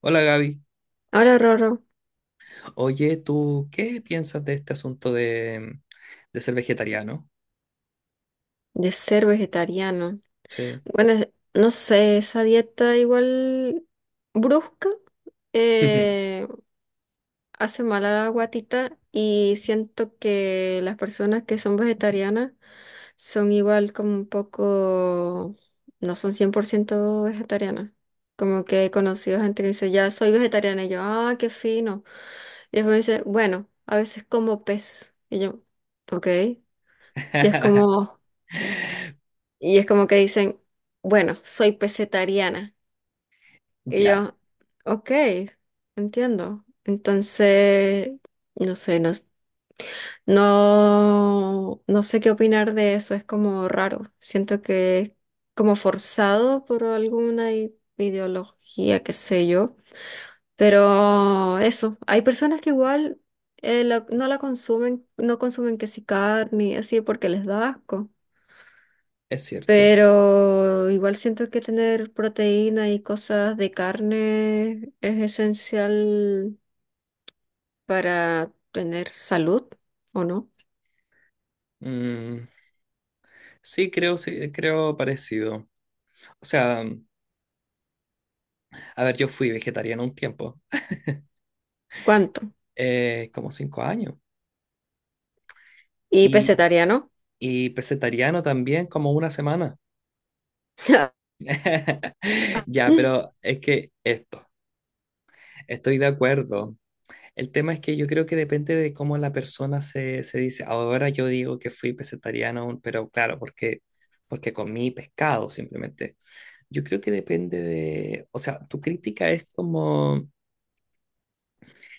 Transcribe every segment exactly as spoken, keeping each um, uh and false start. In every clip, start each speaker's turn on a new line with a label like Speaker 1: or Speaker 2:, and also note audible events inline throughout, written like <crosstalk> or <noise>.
Speaker 1: Hola Gaby.
Speaker 2: Hola, Rorro,
Speaker 1: Oye, ¿tú qué piensas de este asunto de, de ser vegetariano?
Speaker 2: de ser vegetariano.
Speaker 1: Sí.
Speaker 2: Bueno, es- no sé, esa dieta igual brusca eh, hace mal a la guatita y siento que las personas que son vegetarianas son igual como un poco, no son cien por ciento vegetarianas. Como que he conocido gente que dice, ya soy vegetariana y yo, ah, qué fino. Y después me dice, bueno, a veces como pez. Y yo, ok. Y es
Speaker 1: <laughs>
Speaker 2: como... Y es como que dicen, bueno, soy pesetariana. Y
Speaker 1: Ya,
Speaker 2: yo, ok, entiendo. Entonces, no sé, no, s- no, no sé qué opinar de eso, es como raro. Siento que es como forzado por alguna i- ideología, qué sé yo. Pero eso, hay personas que igual eh, la- no la consumen, no consumen que si carne, y así porque les da asco.
Speaker 1: es cierto.
Speaker 2: Pero igual siento que tener proteína y cosas de carne es esencial para tener salud, ¿o no?
Speaker 1: Mm, sí, creo, sí, creo parecido. O sea, a ver, yo fui vegetariano un tiempo,
Speaker 2: ¿Cuánto?
Speaker 1: eh, como cinco años,
Speaker 2: Y
Speaker 1: y
Speaker 2: pescetariano.
Speaker 1: y pescetariano también como una semana.
Speaker 2: <laughs>
Speaker 1: <laughs> Ya,
Speaker 2: Mm,
Speaker 1: pero es que esto, estoy de acuerdo. El tema es que yo creo que depende de cómo la persona se, se dice. Ahora yo digo que fui pescetariano, pero claro, porque, porque comí pescado simplemente. Yo creo que depende de, o sea, tu crítica es como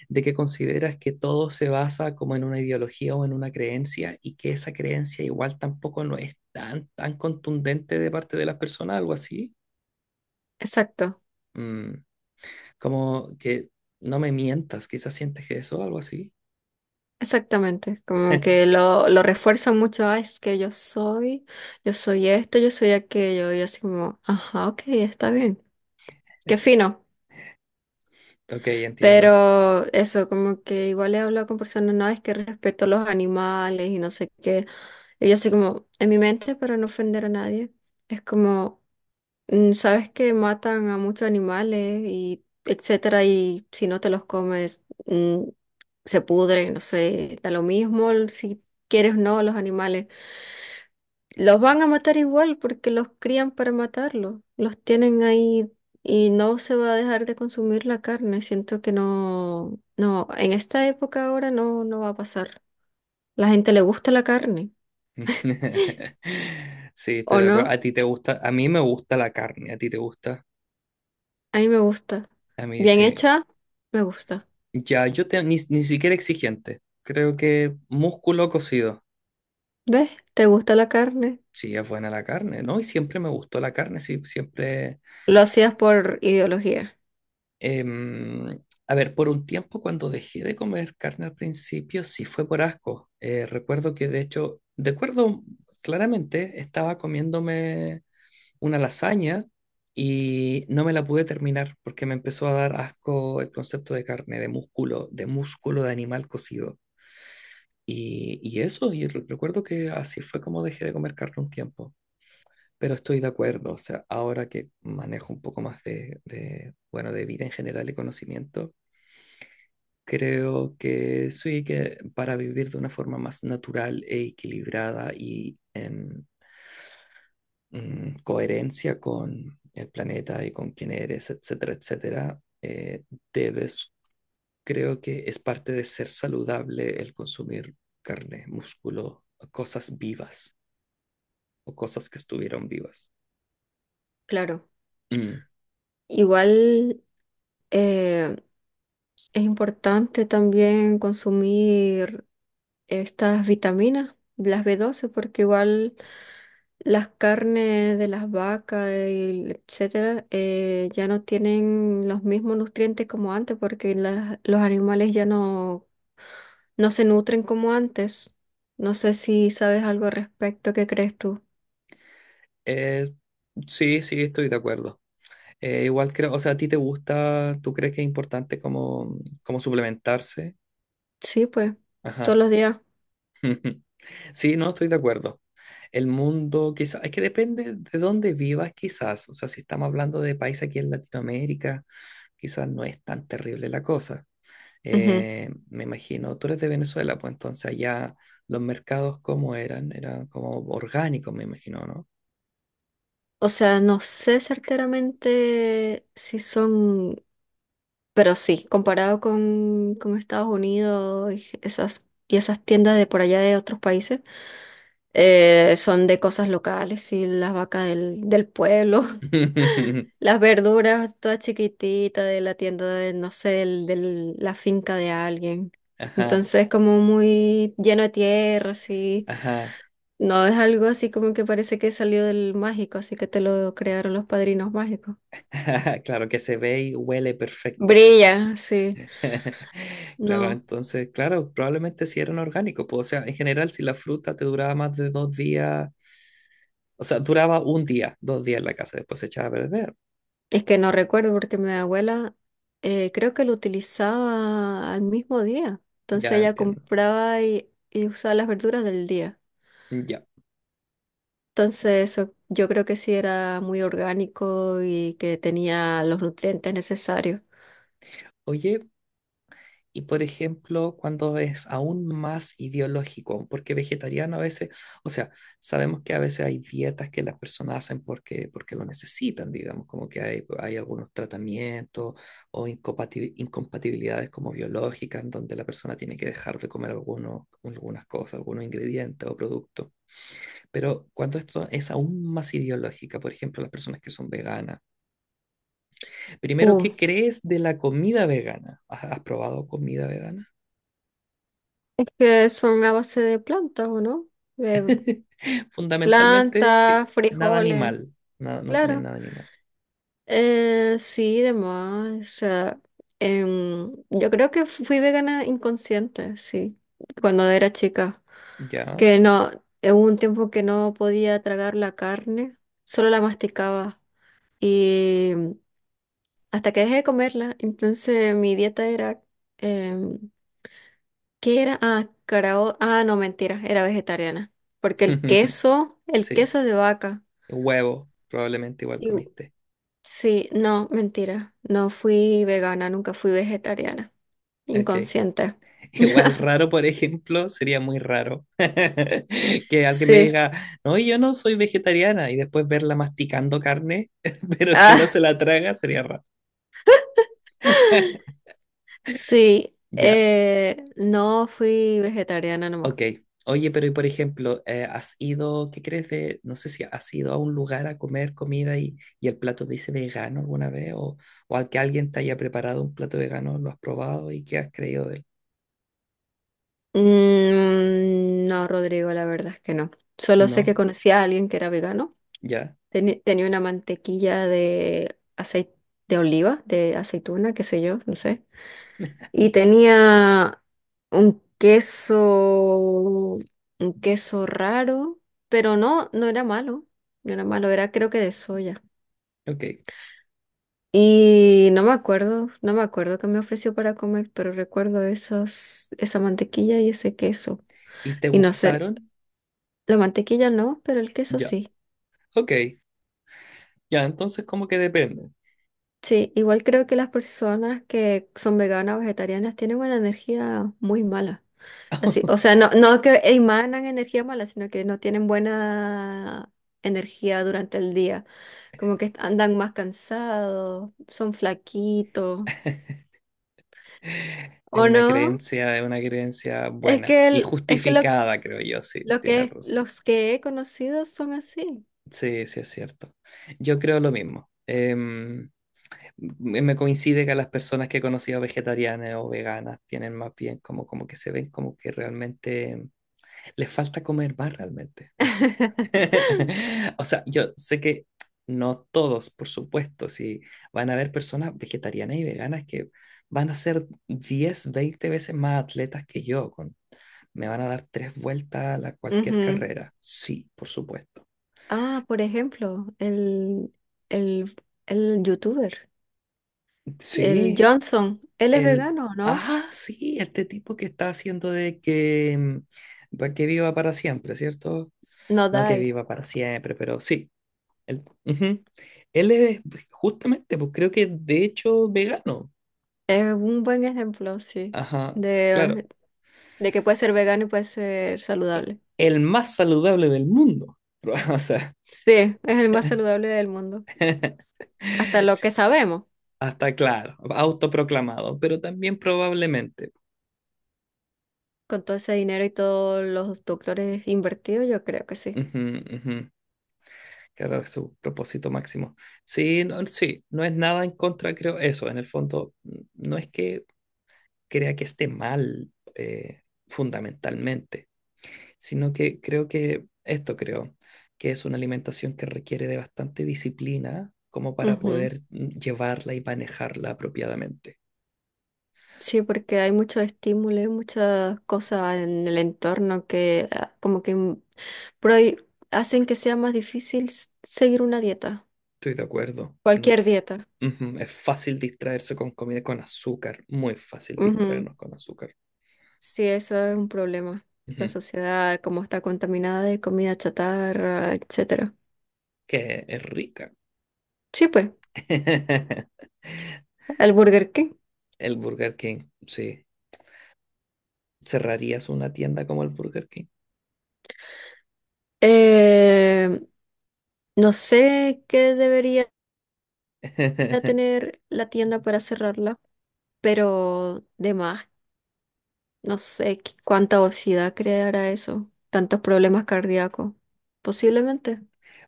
Speaker 1: de que consideras que todo se basa como en una ideología o en una creencia y que esa creencia igual tampoco no es tan, tan contundente de parte de las personas, algo así.
Speaker 2: exacto,
Speaker 1: Mm, Como que no me mientas, quizás sientes que eso, algo así.
Speaker 2: exactamente. Como que lo, lo refuerzan mucho. Ah, es que yo soy, yo soy esto, yo soy aquello. Y así como, ajá, ok, está bien. Qué fino.
Speaker 1: Ok, entiendo.
Speaker 2: Pero eso, como que igual he hablado con personas, no, es que respeto a los animales y no sé qué. Y yo así como, en mi mente, para no ofender a nadie, es como, mm, sabes que matan a muchos animales y etcétera, y si no te los comes, mm, se pudre, no sé, da lo mismo si quieres o no los animales. Los van a matar igual porque los crían para matarlos. Los tienen ahí y no se va a dejar de consumir la carne. Siento que no, no, en esta época ahora no, no va a pasar. La gente le gusta la carne,
Speaker 1: <laughs> Sí, estoy
Speaker 2: ¿o
Speaker 1: de acuerdo.
Speaker 2: no?
Speaker 1: A ti te gusta, a mí me gusta la carne, a ti te gusta,
Speaker 2: A mí me gusta.
Speaker 1: a mí
Speaker 2: Bien
Speaker 1: sí.
Speaker 2: hecha, me gusta.
Speaker 1: Ya, yo te, ni, ni siquiera exigente. Creo que músculo cocido.
Speaker 2: ¿Ves? ¿Te gusta la carne?
Speaker 1: Sí, es buena la carne, ¿no? Y siempre me gustó la carne, sí, siempre.
Speaker 2: Lo hacías por ideología,
Speaker 1: em, a ver, por un tiempo cuando dejé de comer carne al principio, sí fue por asco. Eh, recuerdo que de hecho, de acuerdo claramente, estaba comiéndome una lasaña y no me la pude terminar porque me empezó a dar asco el concepto de carne, de músculo, de músculo de animal cocido. Y, y eso, y re- recuerdo que así fue como dejé de comer carne un tiempo. Pero estoy de acuerdo, o sea, ahora que manejo un poco más de, de, bueno, de vida en general y conocimiento, creo que sí, que para vivir de una forma más natural e equilibrada y en mm, coherencia con el planeta y con quién eres, etcétera, etcétera, eh, debes, creo que es parte de ser saludable el consumir carne, músculo, cosas vivas o cosas que estuvieron vivas.
Speaker 2: claro.
Speaker 1: Mm.
Speaker 2: Igual eh, es importante también consumir estas vitaminas, las b doce porque igual las carnes de las vacas, y etcétera, eh, ya no tienen los mismos nutrientes como antes, porque las- los animales ya no, no se nutren como antes. No sé si sabes algo al respecto, ¿qué crees tú?
Speaker 1: Eh, sí, sí, estoy de acuerdo. Eh, igual creo, o sea, ¿a ti te gusta, tú crees que es importante como, como suplementarse?
Speaker 2: Sí, pues, todos
Speaker 1: Ajá.
Speaker 2: los días.
Speaker 1: <laughs> Sí, no, estoy de acuerdo. El mundo, quizás, es que depende de dónde vivas, quizás. O sea, si estamos hablando de país aquí en Latinoamérica, quizás no es tan terrible la cosa.
Speaker 2: Ujú.
Speaker 1: Eh, me imagino, tú eres de Venezuela, pues entonces allá los mercados, ¿cómo eran? Eran como orgánicos, me imagino, ¿no?
Speaker 2: O sea, no sé certeramente si son. Pero sí, comparado con, con Estados Unidos y esas, y esas tiendas de por allá de otros países, eh, son de cosas locales, y las vacas del, del pueblo,
Speaker 1: <laughs>
Speaker 2: <laughs> las verduras todas chiquititas de la tienda de, no sé, del, del- la finca de alguien.
Speaker 1: Ajá,
Speaker 2: Entonces, como muy lleno de tierra, así.
Speaker 1: ajá.
Speaker 2: No es algo así como que parece que salió del mágico, así que te lo crearon los padrinos mágicos.
Speaker 1: <laughs> Claro que se ve y huele perfecto.
Speaker 2: Brilla, sí.
Speaker 1: <laughs> Claro,
Speaker 2: No,
Speaker 1: entonces, claro, probablemente sí eran orgánicos, pues, o sea, en general, si la fruta te duraba más de dos días, o sea, duraba un día, dos días en la casa, después se echaba a perder.
Speaker 2: es que no recuerdo porque mi abuela eh, creo que lo utilizaba al mismo día. Entonces
Speaker 1: Ya
Speaker 2: ella
Speaker 1: entiendo.
Speaker 2: compraba y, y usaba las verduras del día.
Speaker 1: Ya.
Speaker 2: Entonces eso yo creo que sí era muy orgánico y que tenía los nutrientes necesarios.
Speaker 1: Oye, y por ejemplo, cuando es aún más ideológico, porque vegetariano a veces, o sea, sabemos que a veces hay dietas que las personas hacen porque, porque lo necesitan, digamos, como que hay, hay algunos tratamientos o incompati- incompatibilidades como biológicas, en donde la persona tiene que dejar de comer algunos, algunas cosas, algunos ingredientes o productos. Pero cuando esto es aún más ideológica, por ejemplo, las personas que son veganas, primero,
Speaker 2: Uh,
Speaker 1: ¿qué crees de la comida vegana? ¿Has has probado comida vegana?
Speaker 2: es que son a base de plantas, ¿o no? De
Speaker 1: Fundamentalmente, que
Speaker 2: plantas,
Speaker 1: nada
Speaker 2: frijoles,
Speaker 1: animal. Nada, no tienen
Speaker 2: claro.
Speaker 1: nada animal.
Speaker 2: Eh, sí, demás. O sea, em, yo creo que fui vegana inconsciente, sí, cuando era chica.
Speaker 1: Ya.
Speaker 2: Que no, eh, hubo un tiempo que no podía tragar la carne, solo la masticaba. Y em, hasta que dejé de comerla, entonces mi dieta era, em, ¿qué era? Ah, carao- ah, no, mentira, era vegetariana. Porque el
Speaker 1: <laughs>
Speaker 2: queso, el
Speaker 1: Sí.
Speaker 2: queso es de vaca.
Speaker 1: Huevo, probablemente igual comiste.
Speaker 2: Sí, no, mentira. No fui vegana, nunca fui vegetariana.
Speaker 1: Ok.
Speaker 2: Inconsciente.
Speaker 1: <laughs> Igual
Speaker 2: <laughs>
Speaker 1: raro, por ejemplo, sería muy raro <laughs> que alguien me
Speaker 2: Sí.
Speaker 1: diga, no, yo no soy vegetariana, y después verla masticando carne, <laughs> pero que no
Speaker 2: Ah,
Speaker 1: se la traga, sería raro.
Speaker 2: <laughs>
Speaker 1: <laughs>
Speaker 2: sí.
Speaker 1: Ya.
Speaker 2: Eh, no fui vegetariana no.
Speaker 1: Ok. Oye, pero y por ejemplo, eh, ¿has ido, qué crees de, no sé si has ido a un lugar a comer comida y, y el plato dice vegano alguna vez o, o al que alguien te haya preparado un plato vegano, lo has probado y qué has creído de él?
Speaker 2: Mm, no, Rodrigo, la verdad es que no. Solo sé que
Speaker 1: No,
Speaker 2: conocí a alguien que era vegano.
Speaker 1: ya,
Speaker 2: Teni- tenía una mantequilla de aceite de oliva, de aceituna, qué sé yo, no sé. Y tenía un queso, un queso raro, pero no, no era malo, no era malo, era creo que de soya.
Speaker 1: ok.
Speaker 2: Y no me acuerdo, no me acuerdo qué me ofreció para comer, pero recuerdo esos, esa mantequilla y ese queso.
Speaker 1: ¿Y te
Speaker 2: Y no sé,
Speaker 1: gustaron?
Speaker 2: la mantequilla no, pero el queso
Speaker 1: Ya,
Speaker 2: sí.
Speaker 1: ok, ya, entonces como que depende.
Speaker 2: Sí, igual creo que las personas que son veganas o vegetarianas tienen una energía muy mala. Así, o sea,
Speaker 1: <laughs>
Speaker 2: no, no que emanan energía mala, sino que no tienen buena energía durante el día. Como que andan más cansados, son flaquitos.
Speaker 1: Es
Speaker 2: ¿O
Speaker 1: una
Speaker 2: no?
Speaker 1: creencia, es una creencia
Speaker 2: Es
Speaker 1: buena
Speaker 2: que
Speaker 1: y
Speaker 2: el- es que lo,
Speaker 1: justificada, creo yo, sí,
Speaker 2: lo
Speaker 1: tienes
Speaker 2: que
Speaker 1: razón.
Speaker 2: los que he conocido son así.
Speaker 1: Sí, sí, es cierto. Yo creo lo mismo. Em, me me coincide que las personas que he conocido vegetarianas o veganas tienen más bien como, como que se ven como que realmente les falta comer más realmente, eso.
Speaker 2: <laughs>
Speaker 1: <laughs> O sea, yo sé que no todos, por supuesto, si van a haber personas vegetarianas y veganas que van a ser diez veinte veces más atletas que yo, con, me van a dar tres vueltas a la- cualquier
Speaker 2: Ujú.
Speaker 1: carrera, sí, por supuesto.
Speaker 2: Ah, por ejemplo, el, el, el youtuber. El
Speaker 1: Sí,
Speaker 2: Johnson, él es
Speaker 1: El,
Speaker 2: vegano, ¿no?
Speaker 1: ah, sí, este tipo que está haciendo de que, mm, pa- que viva para siempre, ¿cierto?
Speaker 2: No
Speaker 1: No que
Speaker 2: diet.
Speaker 1: viva para siempre, pero sí. Él, ujú. Él es pues, justamente, pues creo que de hecho vegano.
Speaker 2: Es un buen ejemplo, sí,
Speaker 1: Ajá, claro.
Speaker 2: de, de que puede ser vegano y puede ser saludable.
Speaker 1: El más saludable del mundo. <laughs> O sea,
Speaker 2: Sí, es el más saludable del mundo.
Speaker 1: <laughs>
Speaker 2: Hasta lo que
Speaker 1: sí,
Speaker 2: sabemos,
Speaker 1: hasta claro, autoproclamado, pero también probablemente.
Speaker 2: con todo ese dinero y todos los doctores invertidos, yo creo que sí.
Speaker 1: Ujú, ujú. Claro, es su propósito máximo. Sí, no, sí, no es nada en contra, creo, eso, en el fondo, n- no es que crea que esté mal eh, fundamentalmente, sino que creo que, esto creo, que es una alimentación que requiere de bastante disciplina como para
Speaker 2: Ujú.
Speaker 1: poder mm, llevarla y manejarla apropiadamente.
Speaker 2: Sí, porque hay mucho estímulo, y muchas cosas en el entorno que ah, como que mm, prohi- hacen que sea más difícil s- seguir una dieta,
Speaker 1: Estoy de acuerdo. No
Speaker 2: cualquier
Speaker 1: f-
Speaker 2: dieta.
Speaker 1: Ujú, es fácil distraerse con comida con azúcar, muy fácil distraernos con azúcar.
Speaker 2: Sí, eso es un problema. La
Speaker 1: Ujú,
Speaker 2: sociedad, como está contaminada de comida chatarra, etcétera.
Speaker 1: que es rica.
Speaker 2: Sí, pues,
Speaker 1: <laughs>
Speaker 2: el Burger King.
Speaker 1: El Burger King, sí. ¿Cerrarías una tienda como el Burger King?
Speaker 2: Eh, no sé qué debería
Speaker 1: <laughs>
Speaker 2: tener la tienda para cerrarla, pero de más, no sé qué- cuánta obesidad creará eso. Tantos problemas cardíacos. Posiblemente.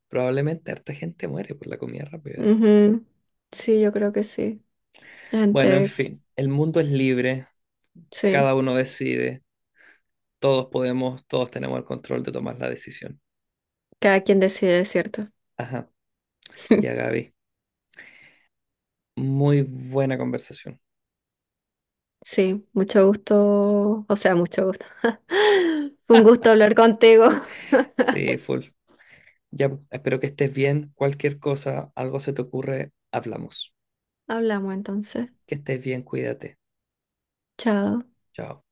Speaker 1: Probablemente harta gente muere por la comida rápida.
Speaker 2: Ujú. Sí, yo creo que sí. La
Speaker 1: Bueno, en
Speaker 2: gente,
Speaker 1: fin, el mundo es libre,
Speaker 2: sí.
Speaker 1: cada uno decide, todos podemos, todos tenemos el control de tomar la decisión.
Speaker 2: Cada quien decide, ¿es cierto?
Speaker 1: Ajá, ya
Speaker 2: <laughs>
Speaker 1: Gaby, muy buena conversación.
Speaker 2: Sí, mucho gusto, o sea, mucho gusto. <laughs> Fue un gusto hablar contigo. <laughs>
Speaker 1: Sí, full. Ya, espero que estés bien, cualquier cosa, algo se te ocurre, hablamos.
Speaker 2: Hablamos entonces.
Speaker 1: Que estés bien, cuídate.
Speaker 2: Chao.
Speaker 1: Chao.